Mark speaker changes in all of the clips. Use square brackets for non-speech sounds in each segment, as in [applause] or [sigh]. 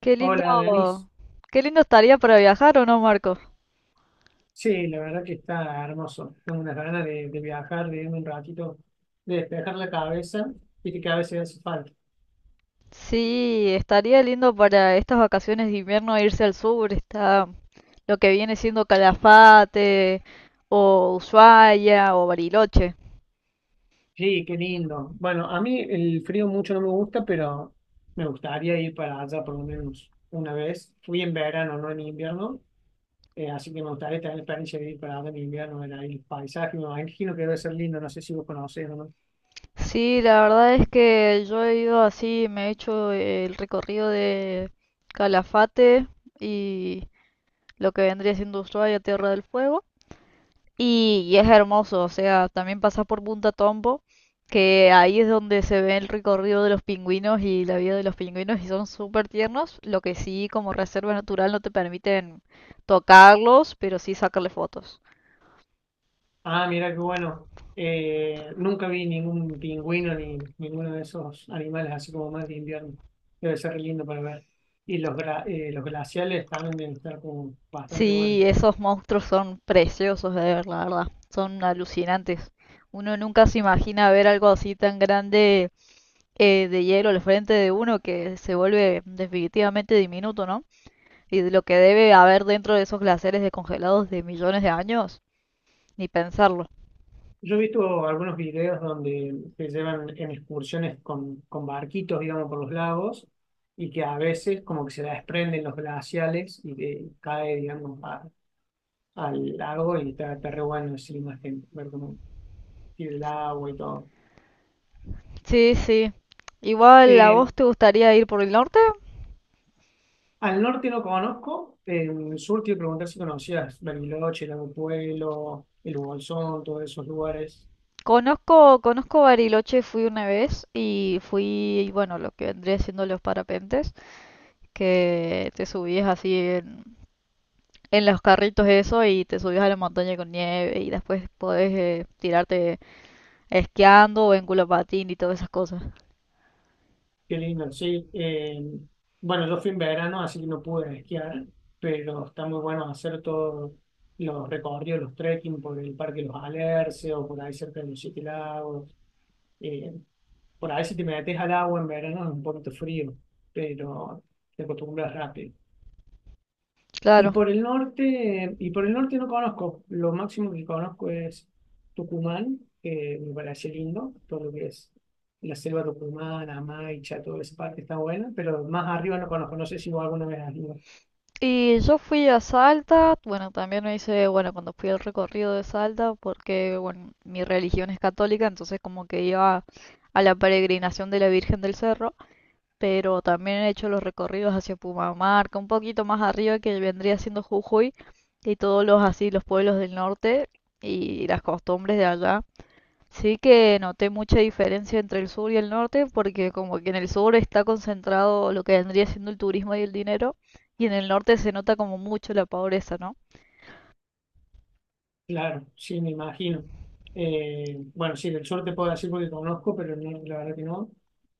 Speaker 1: Qué lindo,
Speaker 2: Hola, Denis.
Speaker 1: qué lindo estaría para viajar, ¿o no, Marco?
Speaker 2: Sí, la verdad que está hermoso. Tengo unas ganas de viajar, de irme un ratito, de despejar la cabeza, y que a veces hace falta.
Speaker 1: Sí, estaría lindo para estas vacaciones de invierno irse al sur, está lo que viene siendo Calafate, o Ushuaia, o Bariloche.
Speaker 2: Sí, qué lindo. Bueno, a mí el frío mucho no me gusta, pero me gustaría ir para allá por lo menos una vez. Fui en verano, no en invierno, así que me gustaría tener la experiencia de ir para allá en invierno, ver ahí el paisaje. Me imagino que debe ser lindo, no sé si vos conocés o no.
Speaker 1: Sí, la verdad es que yo he ido así, me he hecho el recorrido de Calafate y lo que vendría siendo Ushuaia, Tierra del Fuego. Y es hermoso, o sea, también pasas por Punta Tombo, que ahí es donde se ve el recorrido de los pingüinos y la vida de los pingüinos y son súper tiernos, lo que sí como reserva natural no te permiten tocarlos, pero sí sacarle fotos.
Speaker 2: Ah, mira qué bueno. Nunca vi ningún pingüino ni ninguno de esos animales así como más de invierno. Debe ser lindo para ver. Y los glaciales también deben estar como bastante buenos.
Speaker 1: Sí, esos monstruos son preciosos de ver, la verdad, son alucinantes. Uno nunca se imagina ver algo así tan grande, de hielo al frente de uno que se vuelve definitivamente diminuto, ¿no? Y de lo que debe haber dentro de esos glaciares descongelados de millones de años, ni pensarlo.
Speaker 2: Yo he visto algunos videos donde te llevan en excursiones con barquitos, digamos, por los lagos y que a veces como que se desprenden los glaciales y te cae, digamos, al lago y está re bueno así, imagen, ver cómo tiene el agua y todo.
Speaker 1: Sí, sí. Igual, ¿a
Speaker 2: Eh,
Speaker 1: vos te gustaría ir por el norte?
Speaker 2: Al norte no conozco, en el sur te iba a preguntar si conocías Bariloche, Lago Puelo, el Bolsón, todos esos lugares.
Speaker 1: Conozco Bariloche, fui una vez y fui, bueno, lo que vendría siendo los parapentes, que te subías así en los carritos eso y te subías a la montaña con nieve y después podés tirarte esquiando o en culo patín y todas esas cosas.
Speaker 2: Qué lindo, sí. Bueno, yo fui en verano, así que no pude esquiar, pero está muy bueno hacer todos los recorridos, los trekking por el Parque Los Alerces o por ahí cerca de los Siete Lagos. Eh, por ahí si te metes al agua en verano es un poquito frío, pero te acostumbras rápido.
Speaker 1: Claro.
Speaker 2: Y por el norte no conozco. Lo máximo que conozco es Tucumán, que me parece lindo, todo lo que es la selva tucumana, Maicha, toda esa parte está buena, pero más arriba no conozco, no sé si vos alguna vez has ido.
Speaker 1: Y yo fui a Salta, bueno, también me hice, bueno, cuando fui al recorrido de Salta, porque, bueno, mi religión es católica, entonces como que iba a la peregrinación de la Virgen del Cerro, pero también he hecho los recorridos hacia Pumamarca, un poquito más arriba que vendría siendo Jujuy, y todos los así, los pueblos del norte y las costumbres de allá. Sí que noté mucha diferencia entre el sur y el norte, porque como que en el sur está concentrado lo que vendría siendo el turismo y el dinero, y en el norte se nota como mucho la pobreza, ¿no?
Speaker 2: Claro, sí, me imagino. Bueno, sí, del sur te puedo decir porque conozco, pero no, la verdad que no.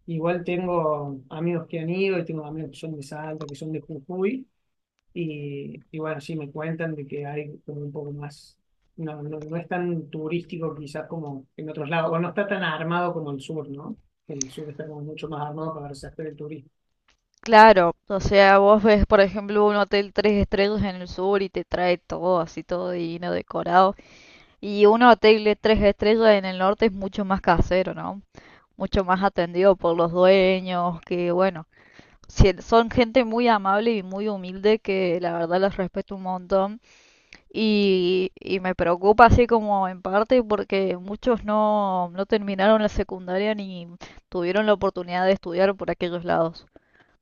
Speaker 2: Igual tengo amigos que han ido y tengo amigos que son de Salta, que son de Jujuy. Y bueno, sí, me cuentan de que hay como un poco más, no, no, no es tan turístico quizás como en otros lados, o no está tan armado como el sur, ¿no? El sur está como mucho más armado para hacer el turismo.
Speaker 1: Claro, o sea, vos ves, por ejemplo, un hotel tres estrellas en el sur y te trae todo así, todo divino, decorado, y un hotel de tres estrellas en el norte es mucho más casero, ¿no? Mucho más atendido por los dueños, que bueno, son gente muy amable y muy humilde que la verdad los respeto un montón. Y me preocupa así como en parte porque muchos no, no terminaron la secundaria ni tuvieron la oportunidad de estudiar por aquellos lados.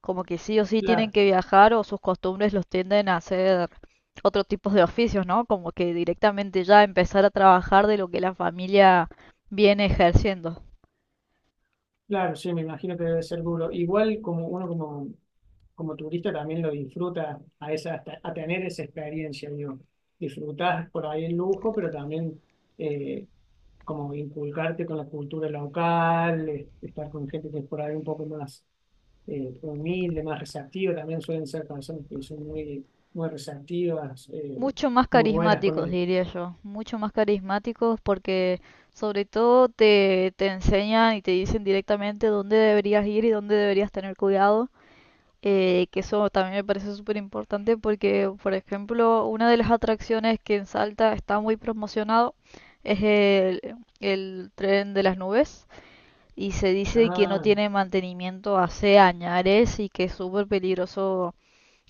Speaker 1: Como que sí o sí tienen
Speaker 2: Claro,
Speaker 1: que viajar o sus costumbres los tienden a hacer otro tipo de oficios, ¿no? Como que directamente ya empezar a trabajar de lo que la familia viene ejerciendo.
Speaker 2: claro, sí, me imagino que debe ser duro. Igual como turista también lo disfruta a tener esa experiencia, digo, disfrutar por ahí el lujo, pero también eh, como inculcarte con la cultura local, estar con gente que es por ahí un poco más humilde, más receptivo, también suelen ser personas que son muy, muy receptivas,
Speaker 1: Mucho más
Speaker 2: muy buenas con
Speaker 1: carismáticos, diría yo, mucho más carismáticos porque sobre todo te enseñan y te dicen directamente dónde deberías ir y dónde deberías tener cuidado, que eso también me parece súper importante porque, por ejemplo, una de las atracciones que en Salta está muy promocionado es el tren de las nubes y se dice que no
Speaker 2: ah,
Speaker 1: tiene mantenimiento hace añares y que es súper peligroso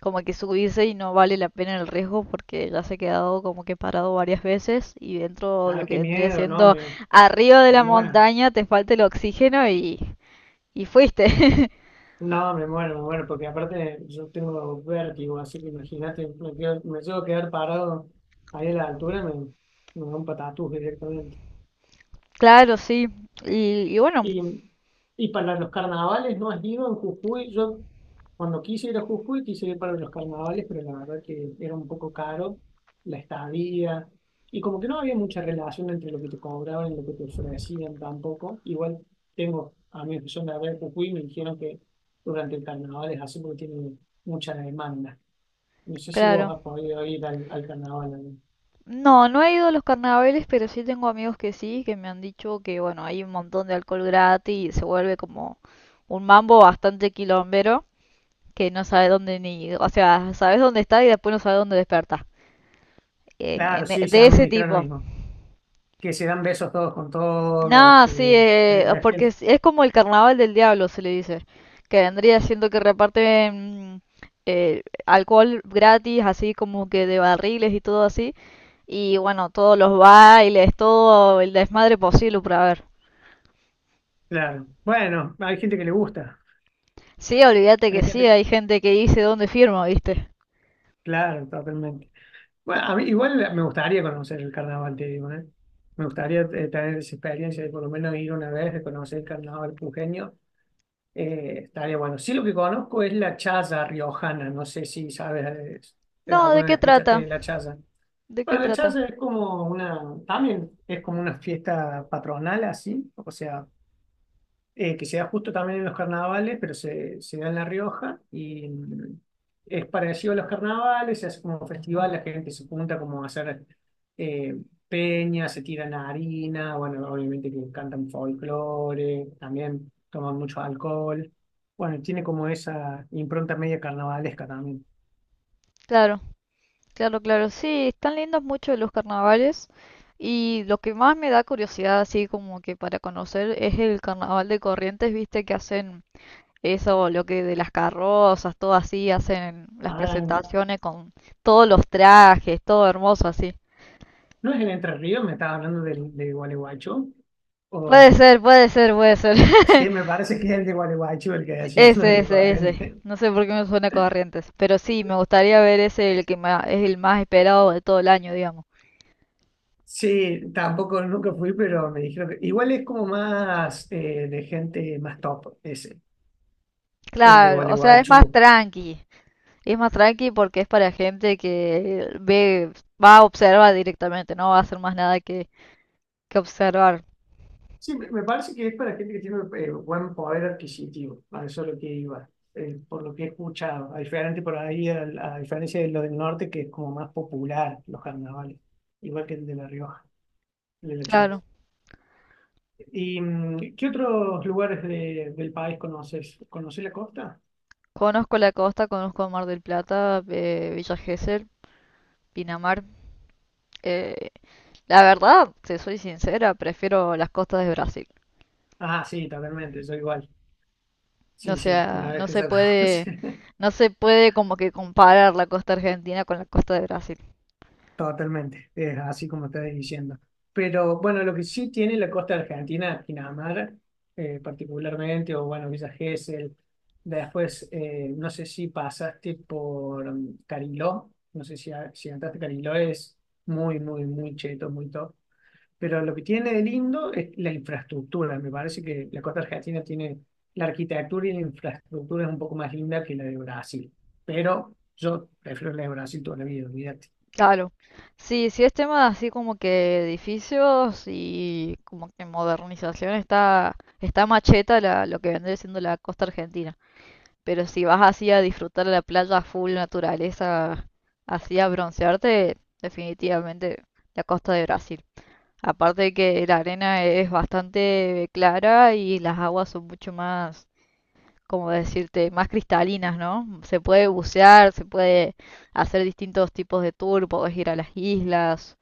Speaker 1: como que subirse y no vale la pena el riesgo porque ya se ha quedado como que parado varias veces y dentro de
Speaker 2: ah,
Speaker 1: lo que
Speaker 2: qué
Speaker 1: vendría
Speaker 2: miedo, no,
Speaker 1: siendo arriba de
Speaker 2: me
Speaker 1: la
Speaker 2: muero.
Speaker 1: montaña te falta el oxígeno y fuiste.
Speaker 2: No, me muero, porque aparte yo tengo vértigo, así que imagínate, me llego a quedar parado ahí a la altura, me da un patatús directamente.
Speaker 1: [laughs] Claro, sí. Y bueno,
Speaker 2: Y, y para los carnavales no has ido en Jujuy. Yo cuando quise ir a Jujuy quise ir para los carnavales, pero la verdad que era un poco caro la estadía. Y como que no había mucha relación entre lo que te cobraban y lo que te ofrecían tampoco. Igual tengo amigos que son de acá de Jujuy y me dijeron que durante el carnaval es así porque tiene mucha demanda. No sé si vos
Speaker 1: claro.
Speaker 2: has podido ir al carnaval, ¿no?
Speaker 1: No, no he ido a los carnavales, pero sí tengo amigos que sí, que me han dicho que bueno, hay un montón de alcohol gratis y se vuelve como un mambo bastante quilombero que no sabe dónde ni, o sea, sabes dónde está y después no sabe dónde despertar.
Speaker 2: Claro, sí, sí,
Speaker 1: De
Speaker 2: a mí me
Speaker 1: ese
Speaker 2: dijeron lo
Speaker 1: tipo.
Speaker 2: mismo. Que se dan besos todos con todos,
Speaker 1: No, sí,
Speaker 2: que la
Speaker 1: porque
Speaker 2: gente...
Speaker 1: es como el carnaval del diablo, se le dice, que vendría siendo que reparten alcohol gratis, así como que de barriles y todo así, y bueno, todos los bailes, todo el desmadre posible para ver.
Speaker 2: Claro. Bueno, hay gente que le gusta.
Speaker 1: Sí, olvídate que
Speaker 2: Hay
Speaker 1: sí,
Speaker 2: gente...
Speaker 1: hay gente que dice dónde firma, ¿viste?
Speaker 2: Claro, totalmente. Bueno, a mí igual me gustaría conocer el carnaval, te digo, ¿eh? Me gustaría tener esa experiencia de por lo menos ir una vez de conocer el carnaval pujeño. Estaría bueno. Sí, lo que conozco es la chaza riojana. No sé si sabes,
Speaker 1: No, ¿de
Speaker 2: alguna vez
Speaker 1: qué
Speaker 2: escuchaste
Speaker 1: trata?
Speaker 2: de la chaza.
Speaker 1: ¿De qué
Speaker 2: Bueno, la
Speaker 1: trata?
Speaker 2: chaza es como una, también es como una fiesta patronal así, o sea, que se da justo también en los carnavales, pero se da en La Rioja y es parecido a los carnavales, se hace como un festival, la gente se junta como a hacer eh, peñas, se tiran harina, bueno, obviamente que cantan folclore, también toman mucho alcohol. Bueno, tiene como esa impronta media carnavalesca también.
Speaker 1: Claro. Claro, claro, sí, están lindos mucho los carnavales y lo que más me da curiosidad así como que para conocer es el carnaval de Corrientes, viste que hacen eso, lo que de las carrozas, todo así, hacen las
Speaker 2: Ah,
Speaker 1: presentaciones con todos los trajes, todo hermoso así.
Speaker 2: ¿no es en Entre Ríos? ¿Me estaba hablando de Gualeguaychú?
Speaker 1: Puede
Speaker 2: O...
Speaker 1: ser, puede ser, puede ser. [laughs]
Speaker 2: Sí, me parece que es el de Gualeguaychú el que decís, [laughs] no es
Speaker 1: Ese,
Speaker 2: el de
Speaker 1: ese, ese.
Speaker 2: Corrientes.
Speaker 1: No sé por qué me suena Corrientes, pero sí, me gustaría ver ese, el que es el más esperado de todo el año, digamos.
Speaker 2: Sí, tampoco nunca fui, pero me dijeron que igual es como más de gente más top, ese, el de
Speaker 1: Claro, o sea, es más
Speaker 2: Gualeguaychú.
Speaker 1: tranqui. Es más tranqui porque es para gente que ve, va a observar directamente, no va a hacer más nada que, que observar.
Speaker 2: Sí, me parece que es para gente que tiene buen poder adquisitivo, a eso es lo que iba, por lo que he escuchado, a diferente por ahí, al- a, diferencia de lo del norte, que es como más popular los carnavales, igual que el de La Rioja, el de La Chance.
Speaker 1: Claro,
Speaker 2: ¿Y qué otros lugares del país conoces? ¿Conoces la costa?
Speaker 1: conozco la costa, conozco Mar del Plata, Villa Gesell, Pinamar. Eh, la verdad, si soy sincera, prefiero las costas de Brasil.
Speaker 2: Ah, sí, totalmente, soy igual.
Speaker 1: O
Speaker 2: Sí, sí,
Speaker 1: sea,
Speaker 2: una vez
Speaker 1: no
Speaker 2: que
Speaker 1: se
Speaker 2: se
Speaker 1: puede,
Speaker 2: conoce. [laughs]
Speaker 1: no se puede como que comparar la costa argentina con la costa de Brasil.
Speaker 2: Totalmente, es así como estás diciendo. Pero bueno, lo que sí tiene la costa argentina, Pinamar, particularmente, o bueno, Villa Gesell. Después, no sé si pasaste por Cariló, no sé si entraste a Cariló, es muy, muy, muy cheto, muy top. Pero lo que tiene de lindo es la infraestructura. Me parece que la costa argentina tiene la arquitectura y la infraestructura es un poco más linda que la de Brasil. Pero yo prefiero la de Brasil toda la vida, olvídate.
Speaker 1: Claro. Sí, sí es tema así como que edificios y como que modernización está, está macheta la, lo que vendría siendo la costa argentina. Pero si vas así a disfrutar la playa full naturaleza, así a broncearte, definitivamente la costa de Brasil. Aparte de que la arena es bastante clara y las aguas son mucho más, como decirte, más cristalinas, ¿no? Se puede bucear, se puede hacer distintos tipos de tour, podés ir a las islas,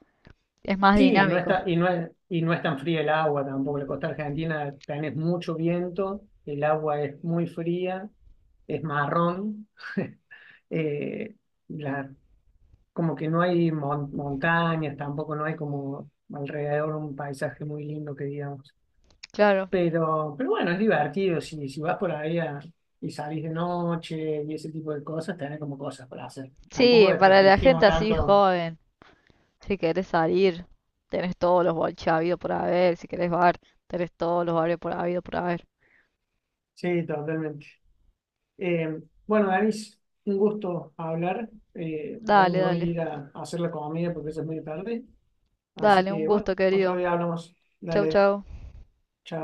Speaker 1: es más
Speaker 2: Sí,
Speaker 1: dinámico.
Speaker 2: y no es tan fría el agua tampoco. La costa argentina tenés mucho viento, el agua es muy fría, es marrón. [laughs] eh, la- Como que no hay montañas, tampoco no hay como alrededor un paisaje muy lindo que digamos.
Speaker 1: Claro.
Speaker 2: Pero bueno, es divertido. Si vas por ahí y salís de noche y ese tipo de cosas, tenés como cosas para hacer. Tampoco
Speaker 1: Sí, para la gente
Speaker 2: desprestigiemos
Speaker 1: así
Speaker 2: tanto.
Speaker 1: joven, si querés salir, tenés todos los boliches habidos por haber, si querés bar, tenés todos los bares por habido por haber.
Speaker 2: Sí, totalmente. Bueno, Danis, un gusto hablar. Ahora
Speaker 1: Dale,
Speaker 2: me voy a
Speaker 1: dale,
Speaker 2: ir a hacer la comida porque ya es muy tarde. Así
Speaker 1: dale, un
Speaker 2: que, bueno,
Speaker 1: gusto,
Speaker 2: otro
Speaker 1: querido.
Speaker 2: día hablamos.
Speaker 1: Chau,
Speaker 2: Dale,
Speaker 1: chau.
Speaker 2: chao.